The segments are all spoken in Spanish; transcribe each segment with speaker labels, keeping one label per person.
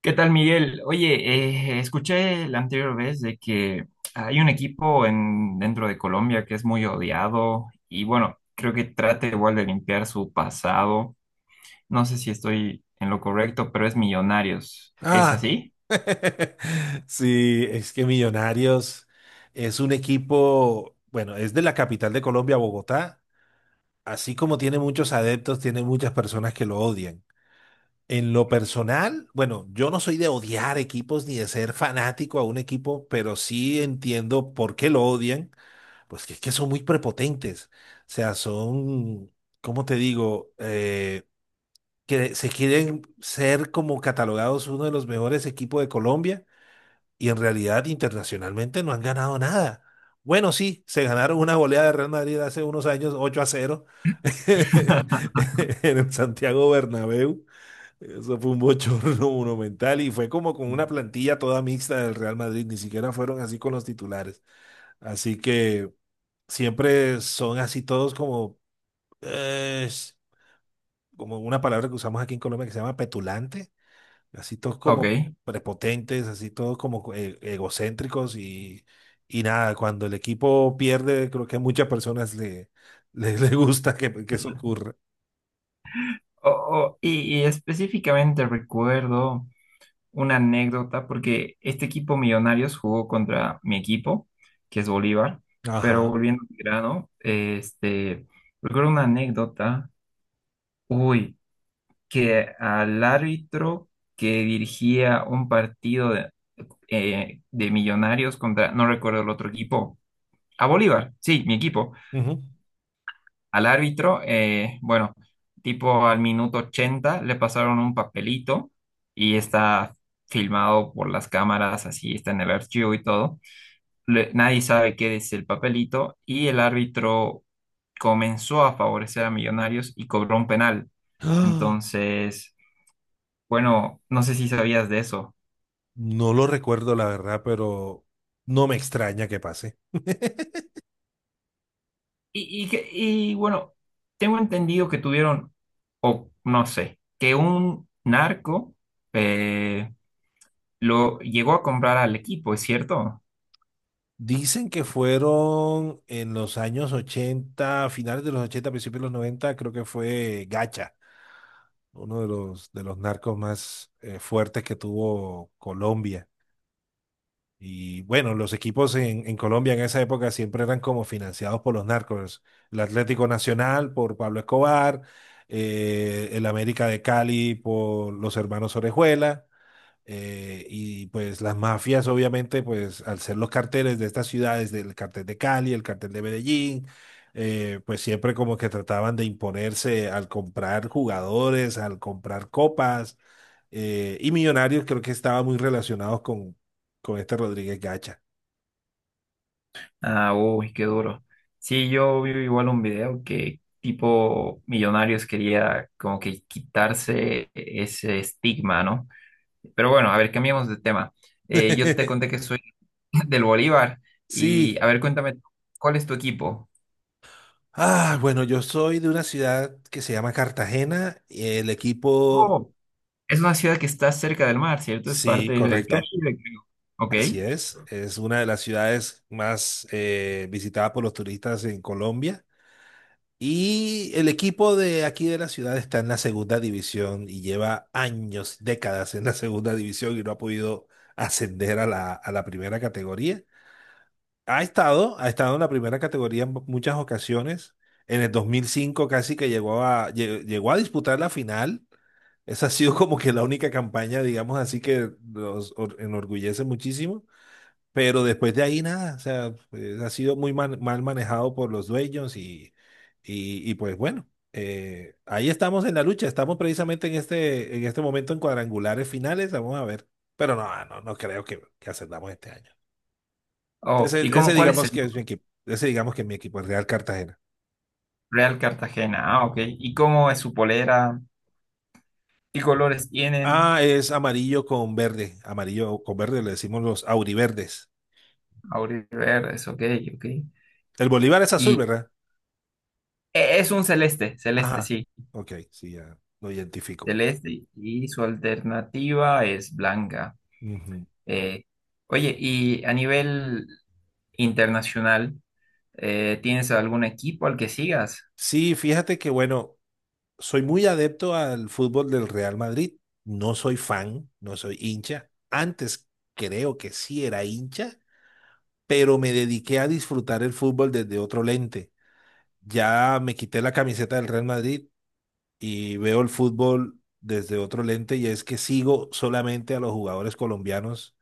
Speaker 1: ¿Qué tal, Miguel? Oye, escuché la anterior vez de que hay un equipo dentro de Colombia que es muy odiado y bueno, creo que trata igual de limpiar su pasado. No sé si estoy en lo correcto, pero es Millonarios. ¿Es
Speaker 2: Ah,
Speaker 1: así?
Speaker 2: sí, es que Millonarios es un equipo. Bueno, es de la capital de Colombia, Bogotá, así como tiene muchos adeptos, tiene muchas personas que lo odian. En lo personal, bueno, yo no soy de odiar equipos ni de ser fanático a un equipo, pero sí entiendo por qué lo odian, pues que es que son muy prepotentes, o sea, son, ¿cómo te digo? Que se quieren ser como catalogados uno de los mejores equipos de Colombia y en realidad internacionalmente no han ganado nada. Bueno, sí, se ganaron una goleada de Real Madrid hace unos años, 8 a cero en el Santiago Bernabéu. Eso fue un bochorno monumental y fue como con una plantilla toda mixta del Real Madrid, ni siquiera fueron así con los titulares. Así que siempre son así todos como, eh, como una palabra que usamos aquí en Colombia que se llama petulante, así todos
Speaker 1: Ok.
Speaker 2: como prepotentes, así todos como egocéntricos. Y y nada, cuando el equipo pierde, creo que a muchas personas le gusta que eso ocurra.
Speaker 1: Y específicamente recuerdo una anécdota, porque este equipo Millonarios jugó contra mi equipo, que es Bolívar, pero
Speaker 2: Ajá.
Speaker 1: volviendo al grano, recuerdo una anécdota, uy, que al árbitro que dirigía un partido de Millonarios contra, no recuerdo el otro equipo, a Bolívar, sí, mi equipo
Speaker 2: Ujú.
Speaker 1: al árbitro, bueno, tipo al minuto 80 le pasaron un papelito y está filmado por las cámaras, así está en el archivo y todo. Nadie sabe qué es el papelito y el árbitro comenzó a favorecer a Millonarios y cobró un penal.
Speaker 2: ¡Ah!
Speaker 1: Entonces, bueno, no sé si sabías de eso.
Speaker 2: No lo recuerdo, la verdad, pero no me extraña que pase.
Speaker 1: Y bueno, tengo entendido que tuvieron, o no sé, que un narco... eh, lo llegó a comprar al equipo, ¿es cierto?
Speaker 2: Dicen que fueron en los años ochenta, finales de los ochenta, principios de los noventa, creo que fue Gacha, uno de de los narcos más fuertes que tuvo Colombia. Y bueno, los equipos en Colombia en esa época siempre eran como financiados por los narcos. El Atlético Nacional por Pablo Escobar, el América de Cali por los hermanos Orejuela, y pues las mafias obviamente, pues al ser los carteles de estas ciudades, del cartel de Cali, el cartel de Medellín, pues siempre como que trataban de imponerse al comprar jugadores, al comprar copas. Y Millonarios creo que estaba muy relacionado con este Rodríguez Gacha.
Speaker 1: Ah, uy, qué duro. Sí, yo vi igual un video que tipo Millonarios quería como que quitarse ese estigma, ¿no? Pero bueno, a ver, cambiemos de tema. Yo te conté que soy del Bolívar y
Speaker 2: Sí.
Speaker 1: a ver, cuéntame, ¿cuál es tu equipo?
Speaker 2: Ah, bueno, yo soy de una ciudad que se llama Cartagena. El equipo,
Speaker 1: Oh, es una ciudad que está cerca del mar, ¿cierto? Es
Speaker 2: sí,
Speaker 1: parte del
Speaker 2: correcto,
Speaker 1: Caribe, creo. Ok.
Speaker 2: así es. Es una de las ciudades más visitadas por los turistas en Colombia. Y el equipo de aquí de la ciudad está en la segunda división y lleva años, décadas en la segunda división y no ha podido ascender a a la primera categoría. Ha estado en la primera categoría en muchas ocasiones. En el 2005 casi que llegó a disputar la final. Esa ha sido como que la única campaña, digamos así, que enorgullece muchísimo. Pero después de ahí nada, o sea, pues, ha sido muy mal manejado por los dueños. Pues bueno, ahí estamos en la lucha. Estamos precisamente en en este momento en cuadrangulares finales. Vamos a ver. Pero no creo que ascendamos este año.
Speaker 1: Oh, ¿y cómo,
Speaker 2: Ese
Speaker 1: cuál es
Speaker 2: digamos
Speaker 1: el
Speaker 2: que es mi equipo. Ese digamos que es mi equipo, el Real Cartagena.
Speaker 1: Real Cartagena? Ah, ok. ¿Y cómo es su polera? ¿Qué colores tienen?
Speaker 2: Ah, es amarillo con verde. Amarillo con verde le decimos los auriverdes.
Speaker 1: Auriverdes, ok, ok.
Speaker 2: El Bolívar es azul,
Speaker 1: Y
Speaker 2: ¿verdad?
Speaker 1: es un celeste, celeste,
Speaker 2: Ajá.
Speaker 1: sí,
Speaker 2: Ok, sí, ya lo identifico.
Speaker 1: celeste. Y su alternativa es blanca.
Speaker 2: Ujú.
Speaker 1: Eh, oye, y a nivel internacional, ¿tienes algún equipo al que sigas?
Speaker 2: Sí, fíjate que bueno, soy muy adepto al fútbol del Real Madrid. No soy fan, no soy hincha. Antes creo que sí era hincha, pero me dediqué a disfrutar el fútbol desde otro lente. Ya me quité la camiseta del Real Madrid y veo el fútbol desde otro lente y es que sigo solamente a los jugadores colombianos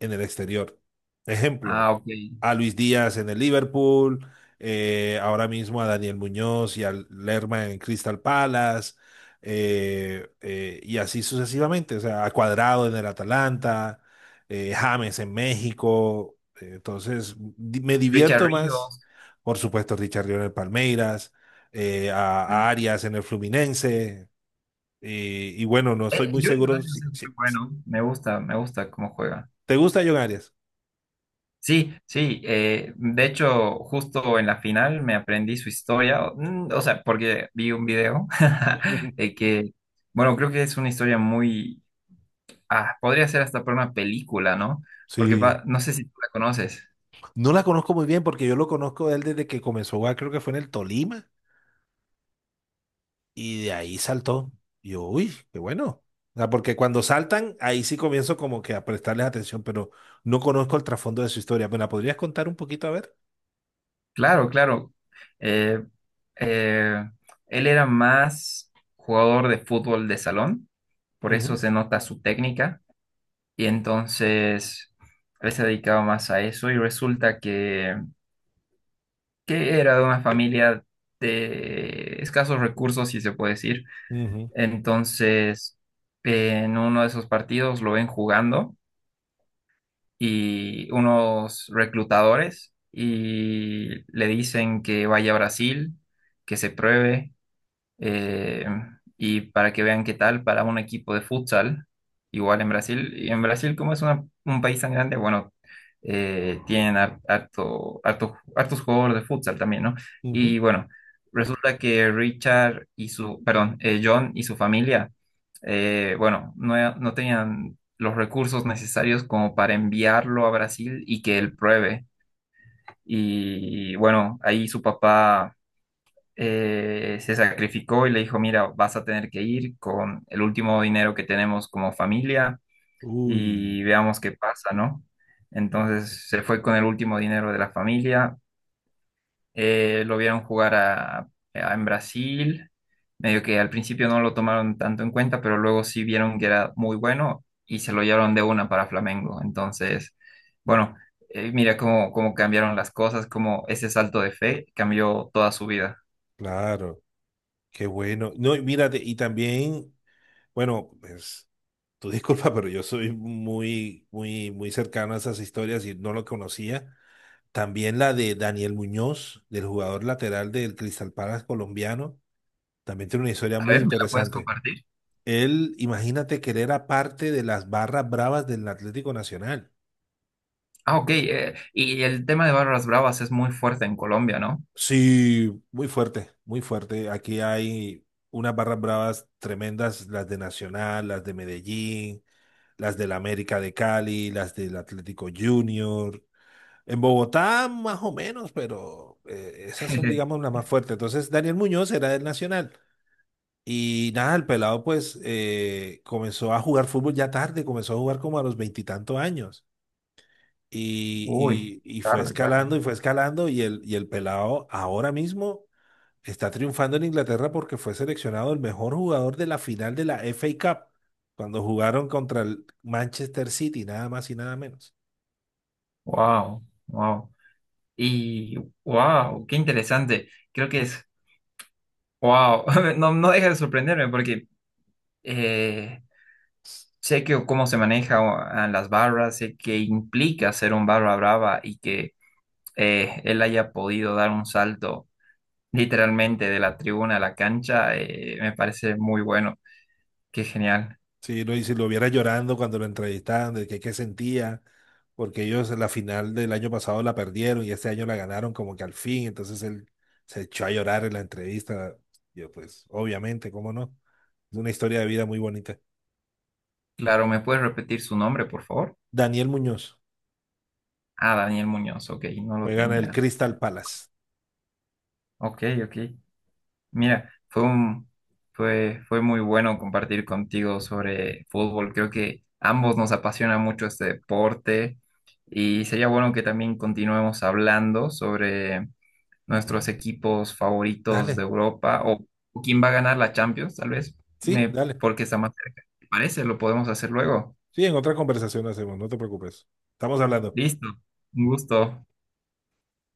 Speaker 2: en el exterior. Ejemplo,
Speaker 1: Ah, ok.
Speaker 2: a Luis Díaz en el Liverpool, ahora mismo a Daniel Muñoz y al Lerma en Crystal Palace, y así sucesivamente, o sea, a Cuadrado en el Atalanta, James en México, entonces me
Speaker 1: Richard
Speaker 2: divierto más,
Speaker 1: Ríos.
Speaker 2: por supuesto, Richarlison en el Palmeiras,
Speaker 1: Ah,
Speaker 2: a Arias en el Fluminense, y bueno, no estoy
Speaker 1: eh,
Speaker 2: muy
Speaker 1: Junior
Speaker 2: seguro
Speaker 1: Daniels es muy
Speaker 2: si,
Speaker 1: bueno. Me gusta cómo juega.
Speaker 2: ¿te gusta John Arias?
Speaker 1: Sí, sí, de hecho, justo en la final me aprendí su historia, o sea, porque vi un video de que, bueno, creo que es una historia muy, ah, podría ser hasta para una película, ¿no? Porque
Speaker 2: Sí.
Speaker 1: no sé si tú la conoces.
Speaker 2: No la conozco muy bien porque yo lo conozco de él desde que comenzó a jugar, creo que fue en el Tolima, y de ahí saltó. Y yo, uy, qué bueno. O sea, porque cuando saltan, ahí sí comienzo como que a prestarles atención, pero no conozco el trasfondo de su historia. ¿Me la podrías contar un poquito, a ver?
Speaker 1: Claro, claro. Eh, eh, él era más jugador de fútbol de salón, por eso
Speaker 2: Ujú,
Speaker 1: se nota su técnica, y entonces él se dedicaba más a eso, y resulta que era de una familia de escasos recursos, si se puede decir.
Speaker 2: ujú,
Speaker 1: Entonces, en uno de esos partidos lo ven jugando y unos reclutadores y le dicen que vaya a Brasil, que se pruebe eh, y para que vean qué tal para un equipo de futsal, igual en Brasil. Y en Brasil, como es un país tan grande, bueno, tienen hartos jugadores de futsal también, ¿no?
Speaker 2: ujú.
Speaker 1: Y bueno, resulta que Richard y su, perdón, John y su familia, bueno, no, no tenían los recursos necesarios como para enviarlo a Brasil y que él pruebe. Y bueno, ahí su papá se sacrificó y le dijo, mira, vas a tener que ir con el último dinero que tenemos como familia
Speaker 2: Uy,
Speaker 1: y veamos qué pasa, ¿no? Entonces se fue con el último dinero de la familia, lo vieron jugar en Brasil, medio que al principio no lo tomaron tanto en cuenta, pero luego sí vieron que era muy bueno y se lo llevaron de una para Flamengo. Entonces, bueno. Mira cómo, cómo cambiaron las cosas, cómo ese salto de fe cambió toda su vida.
Speaker 2: claro, qué bueno. No, y mírate, y también, bueno, pues, tú disculpa, pero yo soy muy, muy, muy cercano a esas historias y no lo conocía. También la de Daniel Muñoz, del jugador lateral del Crystal Palace colombiano, también tiene una historia
Speaker 1: A
Speaker 2: muy
Speaker 1: ver, ¿me la puedes
Speaker 2: interesante.
Speaker 1: compartir?
Speaker 2: Él, imagínate que él era parte de las barras bravas del Atlético Nacional.
Speaker 1: Ah, ok. Y el tema de barras bravas es muy fuerte en Colombia, ¿no?
Speaker 2: Sí, muy fuerte, muy fuerte. Aquí hay unas barras bravas tremendas, las de Nacional, las de Medellín, las del América de Cali, las del Atlético Junior. En Bogotá, más o menos, pero esas son, digamos, las más fuertes. Entonces, Daniel Muñoz era del Nacional. Y nada, el pelado pues comenzó a jugar fútbol ya tarde, comenzó a jugar como a los 20 y tantos años.
Speaker 1: Uy,
Speaker 2: Y fue
Speaker 1: tarde, tarde.
Speaker 2: escalando y fue escalando y el pelado ahora mismo está triunfando en Inglaterra porque fue seleccionado el mejor jugador de la final de la FA Cup cuando jugaron contra el Manchester City, nada más y nada menos.
Speaker 1: Wow, wow. Y wow, qué interesante. Creo que es wow. No, no deja de sorprenderme porque eh, sé que cómo se maneja a las barras, sé que implica ser un barra brava y que él haya podido dar un salto literalmente de la tribuna a la cancha, me parece muy bueno. Qué genial.
Speaker 2: Sí, lo, y si lo viera llorando cuando lo entrevistaban, de que qué sentía, porque ellos en la final del año pasado la perdieron y este año la ganaron como que al fin, entonces él se echó a llorar en la entrevista. Yo pues, obviamente, ¿cómo no? Es una historia de vida muy bonita.
Speaker 1: Claro, ¿me puedes repetir su nombre, por favor?
Speaker 2: Daniel Muñoz
Speaker 1: Ah, Daniel Muñoz, ok, no lo
Speaker 2: juega en el
Speaker 1: tenía.
Speaker 2: Crystal Palace.
Speaker 1: Ok, ok. Mira, fue, fue muy bueno compartir contigo sobre fútbol. Creo que ambos nos apasiona mucho este deporte y sería bueno que también continuemos hablando sobre nuestros equipos favoritos de
Speaker 2: Dale,
Speaker 1: Europa o quién va a ganar la Champions, tal vez,
Speaker 2: sí,
Speaker 1: me,
Speaker 2: dale.
Speaker 1: porque está más cerca. ¿Te parece? Lo podemos hacer luego.
Speaker 2: Sí, en otra conversación lo hacemos, no te preocupes. Estamos hablando.
Speaker 1: Listo, un gusto.